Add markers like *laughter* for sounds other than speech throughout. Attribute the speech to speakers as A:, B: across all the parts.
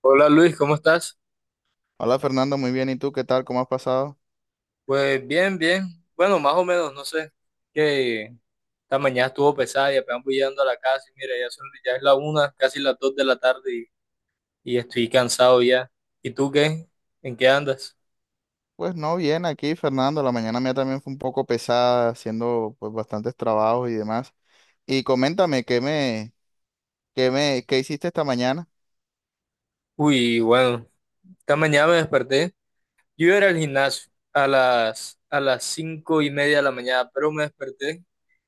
A: Hola Luis, ¿cómo estás?
B: Hola Fernando, muy bien. ¿Y tú qué tal? ¿Cómo has pasado?
A: Pues bien, bien. Bueno, más o menos, no sé. Que esta mañana estuvo pesada y apenas voy llegando a la casa y mira, ya es la 1, casi las 2 de la tarde y estoy cansado ya. ¿Y tú qué? ¿En qué andas?
B: Pues no, bien aquí Fernando. La mañana mía también fue un poco pesada, haciendo pues bastantes trabajos y demás. Y coméntame, ¿ qué hiciste esta mañana?
A: Uy, bueno, esta mañana me desperté. Yo iba a ir al gimnasio a las 5:30 de la mañana, pero me desperté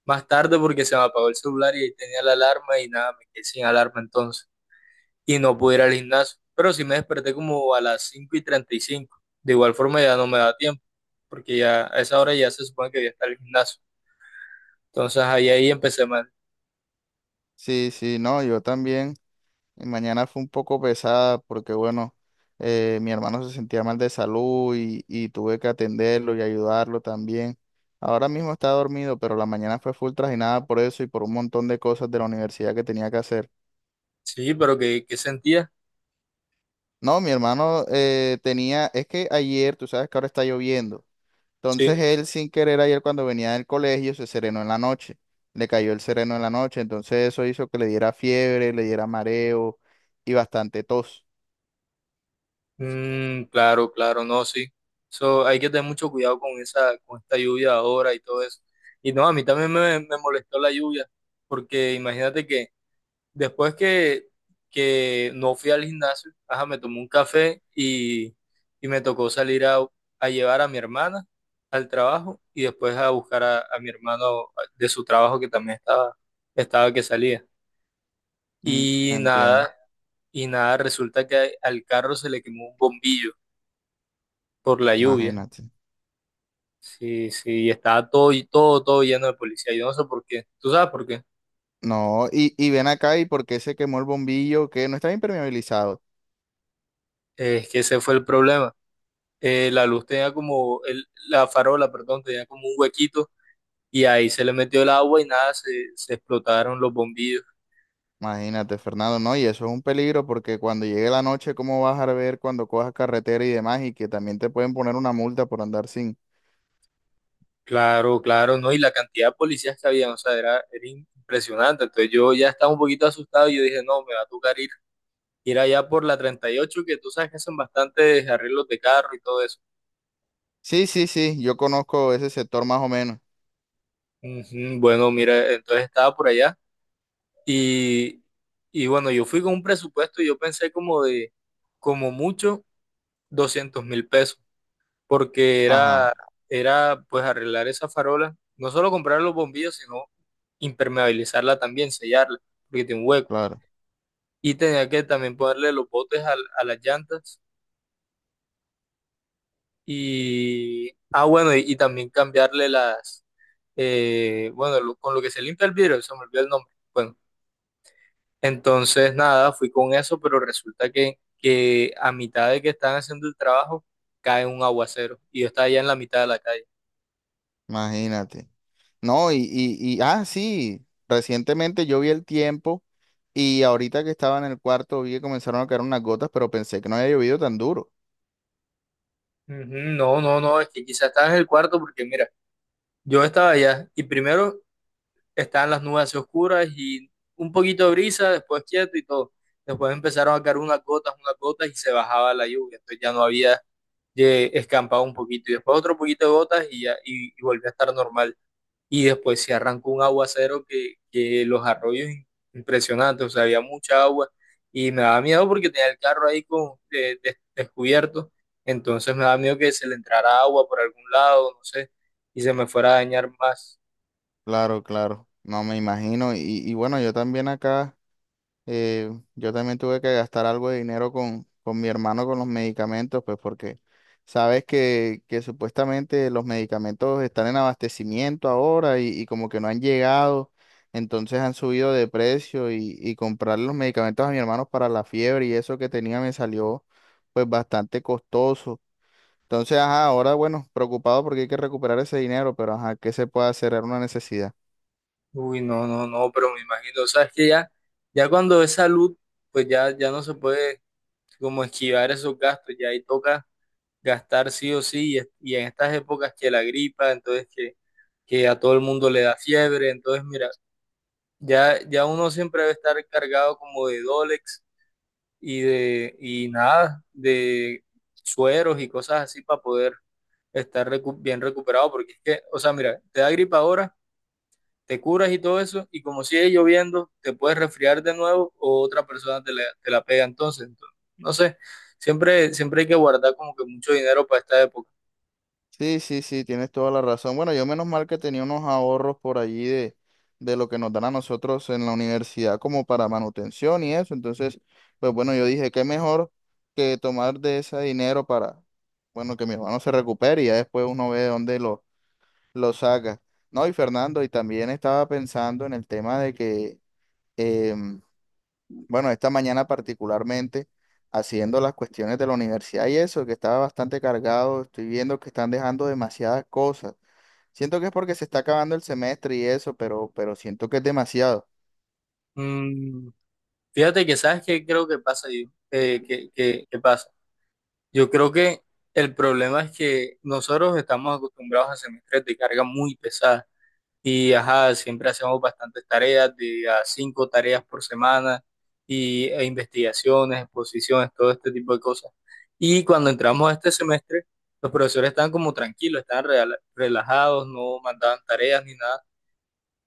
A: más tarde porque se me apagó el celular y ahí tenía la alarma y nada, me quedé sin alarma entonces. Y no pude ir al gimnasio. Pero sí me desperté como a las 5:35. De igual forma ya no me da tiempo, porque ya a esa hora ya se supone que voy a estar en el gimnasio. Entonces ahí empecé mal.
B: Sí, sí, no, yo también. Mi mañana fue un poco pesada porque bueno, mi hermano se sentía mal de salud y tuve que atenderlo y ayudarlo también. Ahora mismo está dormido, pero la mañana fue full trajinada por eso y por un montón de cosas de la universidad que tenía que hacer.
A: Sí, pero ¿qué sentía?
B: No, mi hermano tenía, es que ayer, tú sabes que ahora está lloviendo.
A: Sí.
B: Entonces él sin querer ayer cuando venía del colegio se serenó en la noche. Le cayó el sereno en la noche. Entonces eso hizo que le diera fiebre, le diera mareo y bastante tos.
A: Mm, claro, claro, no, sí. So, hay que tener mucho cuidado con esta lluvia ahora y todo eso. Y no, a mí también me molestó la lluvia, porque imagínate que después que no fui al gimnasio, ajá, me tomé un café y me tocó salir a llevar a mi hermana al trabajo y después a buscar a mi hermano de su trabajo que también estaba que salía.
B: Mm,
A: Y
B: entiendo.
A: nada, y nada, resulta que al carro se le quemó un bombillo por la lluvia.
B: Imagínate.
A: Sí, sí, y estaba todo lleno de policía. Yo no sé por qué. ¿Tú sabes por qué?
B: No, y ven acá y por qué se quemó el bombillo que no estaba impermeabilizado.
A: Es que ese fue el problema. La luz tenía como, la farola, perdón, tenía como un huequito y ahí se le metió el agua y nada, se explotaron los bombillos.
B: Imagínate, Fernando, no, y eso es un peligro porque cuando llegue la noche, ¿cómo vas a ver cuando cojas carretera y demás? Y que también te pueden poner una multa por andar sin.
A: Claro, claro, ¿no? Y la cantidad de policías que había, o sea, era impresionante. Entonces yo ya estaba un poquito asustado y yo dije, no, me va a tocar ir allá por la 38 que tú sabes que hacen bastantes arreglos de carro y todo eso.
B: Sí, sí, sí, yo conozco ese sector más o menos.
A: Ujú. Bueno, mira, entonces estaba por allá y, y bueno, yo fui con un presupuesto y yo pensé como mucho, 200.000 pesos. Porque
B: Ajá,
A: era pues arreglar esa farola, no solo comprar los bombillos, sino impermeabilizarla también, sellarla, porque tiene un hueco.
B: claro,
A: Y tenía que también ponerle los botes a las llantas y, bueno, y también cambiarle las, bueno, con lo que se limpia el vidrio, se me olvidó el nombre. Bueno, entonces nada, fui con eso, pero resulta que a mitad de que están haciendo el trabajo cae un aguacero y yo estaba allá en la mitad de la calle.
B: imagínate. No, y ah, sí, recientemente yo vi el tiempo y ahorita que estaba en el cuarto vi que comenzaron a caer unas gotas, pero pensé que no había llovido tan duro.
A: Ujú. No, no, no, es que quizás estabas en el cuarto porque mira, yo estaba allá y primero estaban las nubes así oscuras y un poquito de brisa, después quieto y todo. Después empezaron a caer unas gotas y se bajaba la lluvia, entonces ya no había escampado un poquito y después otro poquito de gotas y ya y volvió a estar normal y después se arrancó un aguacero que los arroyos impresionantes, o sea, había mucha agua y me daba miedo porque tenía el carro ahí descubierto, entonces me daba miedo que se le entrara agua por algún lado, no sé, y se me fuera a dañar más.
B: Claro, claro, no me imagino. Y bueno, yo también acá. Yo también tuve que gastar algo de dinero con mi hermano con los medicamentos, pues porque sabes que supuestamente los medicamentos están en abastecimiento ahora y como que no han llegado, entonces han subido de precio y comprar los medicamentos a mi hermano para la fiebre y eso que tenía me salió pues bastante costoso. Entonces, ajá, ahora bueno, preocupado porque hay que recuperar ese dinero, pero ajá, ¿qué se puede hacer? Era una necesidad.
A: Uy, no, no, no, pero me imagino, o sea, es que ya cuando es salud, pues ya no se puede como esquivar esos gastos, ya ahí toca gastar sí o sí, y en estas épocas que la gripa, entonces que a todo el mundo le da fiebre, entonces mira, ya uno siempre debe estar cargado como de Dolex y de, y nada, de sueros y cosas así para poder estar bien recuperado, porque es que, o sea, mira, te da gripa ahora, te curas y todo eso, y como sigue lloviendo, te puedes resfriar de nuevo o otra persona te la pega entonces, no sé, siempre, siempre hay que guardar como que mucho dinero para esta época.
B: Sí, sí, sí, tienes toda la razón. Bueno, yo menos mal que tenía unos ahorros por allí de lo que nos dan a nosotros en la universidad como para manutención y eso. Entonces, pues bueno, yo dije, qué mejor que tomar de ese dinero para, bueno, que mi hermano se recupere y ya después uno ve de lo saca. No, y Fernando, y también estaba pensando en el tema de que, em, bueno, esta mañana particularmente, haciendo las cuestiones de la universidad y eso, que estaba bastante cargado, estoy viendo que están dejando demasiadas cosas. Siento que es porque se está acabando el semestre y eso, pero siento que es demasiado,
A: Mm, fíjate que sabes qué creo que pasa yo. Que pasa. Yo creo que el problema es que nosotros estamos acostumbrados a semestres de carga muy pesada y ajá, siempre hacemos bastantes tareas, de a cinco tareas por semana e investigaciones, exposiciones, todo este tipo de cosas. Y cuando entramos a este semestre, los profesores estaban como tranquilos, estaban relajados, no mandaban tareas ni nada,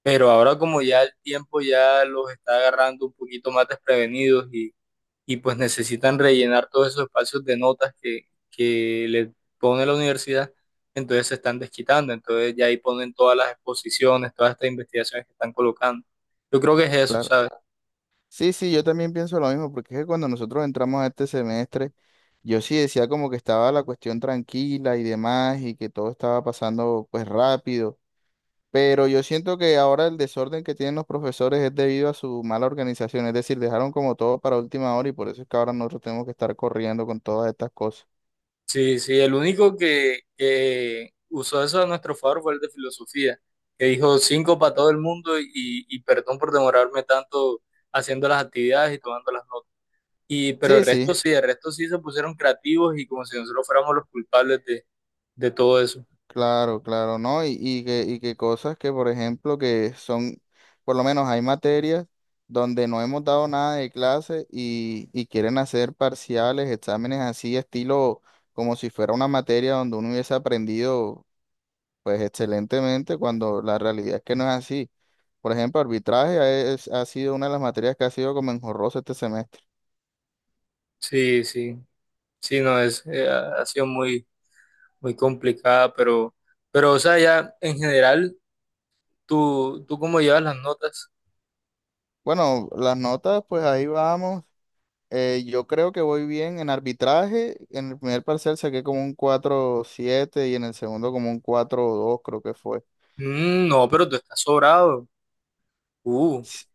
A: pero ahora como ya el tiempo ya los está agarrando un poquito más desprevenidos y pues necesitan rellenar todos esos espacios de notas que les pone la universidad, entonces se están desquitando, entonces ya ahí ponen todas las exposiciones, todas estas investigaciones que están colocando. Yo creo que es eso,
B: claro.
A: ¿sabes?
B: Sí, sí, yo también pienso lo mismo, porque es que cuando nosotros entramos a este semestre, yo sí decía como que estaba la cuestión tranquila y demás, y que todo estaba pasando pues rápido, pero yo siento que ahora el desorden que tienen los profesores es debido a su mala organización, es decir, dejaron como todo para última hora y por eso es que ahora nosotros tenemos que estar corriendo con todas estas cosas.
A: Sí, sí, el único que usó eso a nuestro favor fue el de filosofía, que dijo cinco para todo el mundo y perdón por demorarme tanto haciendo las actividades y tomando las notas. Pero
B: Sí,
A: el resto
B: sí.
A: sí, el resto sí se pusieron creativos y como si nosotros fuéramos los culpables de todo eso.
B: Claro, claro, ¿no? Y que cosas que, por ejemplo, que son, por lo menos hay materias donde no hemos dado nada de clase y quieren hacer parciales, exámenes así, estilo como si fuera una materia donde uno hubiese aprendido, pues, excelentemente, cuando la realidad es que no es así. Por ejemplo, arbitraje es- ha sido una de las materias que ha sido como enjorrosa este semestre.
A: Sí, sí, sí, no, es, ha ha sido muy, muy complicada, pero, o sea, ya en general, tú cómo llevas las notas?
B: Bueno, las notas, pues ahí vamos. Yo creo que voy bien en arbitraje. En el primer parcial saqué como un cuatro siete y en el segundo como un cuatro dos creo que fue.
A: Mm, no, pero tú estás sobrado. uh,
B: S-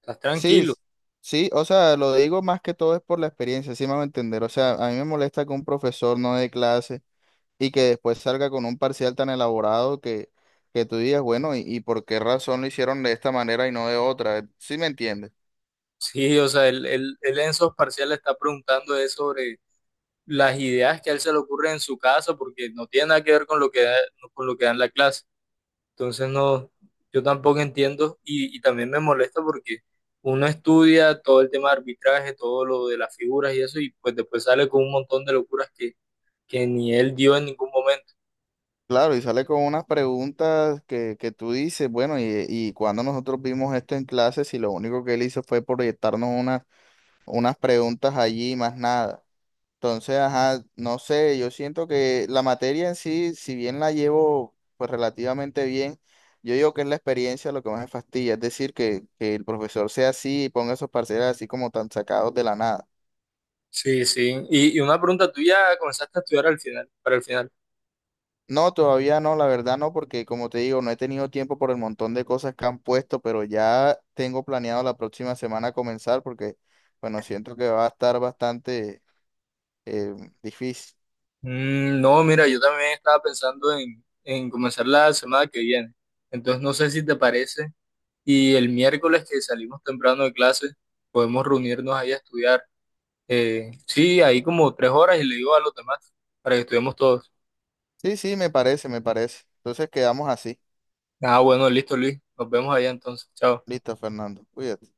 A: Estás
B: Sí,
A: tranquilo.
B: s- sí, o sea, lo digo más que todo es por la experiencia, sí me va a entender. O sea, a mí me molesta que un profesor no dé clase y que después salga con un parcial tan elaborado que tú digas, bueno, ¿y por qué razón lo hicieron de esta manera y no de otra? ¿Sí me entiendes?
A: *laughs* Sí, o sea, él en esos parciales está preguntando es sobre las ideas que a él se le ocurren en su casa, porque no tiene nada que ver con lo que da, en la clase. Entonces no, yo tampoco entiendo y también me molesta porque uno estudia todo el tema de arbitraje, todo lo de las figuras y eso, y pues después sale con un montón de locuras que ni él dio en ningún momento.
B: Claro, y sale con unas preguntas que tú dices, bueno, y cuando nosotros vimos esto en clases y lo único que él hizo fue proyectarnos unas, unas preguntas allí, más nada. Entonces, ajá, no sé, yo siento que la materia en sí, si bien la llevo pues relativamente bien, yo digo que es la experiencia lo que más me fastidia, es decir, que el profesor sea así y ponga esos parciales así como tan sacados de la nada.
A: Sí, sí. Y una pregunta, ¿tú ya comenzaste a estudiar al final, para el final?
B: No, todavía no, la verdad no, porque como te digo, no he tenido tiempo por el montón de cosas que han puesto, pero ya tengo planeado la próxima semana comenzar porque, bueno, siento que va a estar bastante eh, difícil.
A: Mm, no, mira, yo también estaba pensando en comenzar la semana que viene. Entonces no sé si te parece, y el miércoles que salimos temprano de clase, podemos reunirnos ahí a estudiar. Sí, ahí como 3 horas y le digo a los demás para que estuvimos todos.
B: Sí, sí, me parece, me parece. Entonces quedamos así.
A: Ah, bueno, listo, Luis. Nos vemos allá entonces. Chao.
B: Listo, Fernando. Cuídate.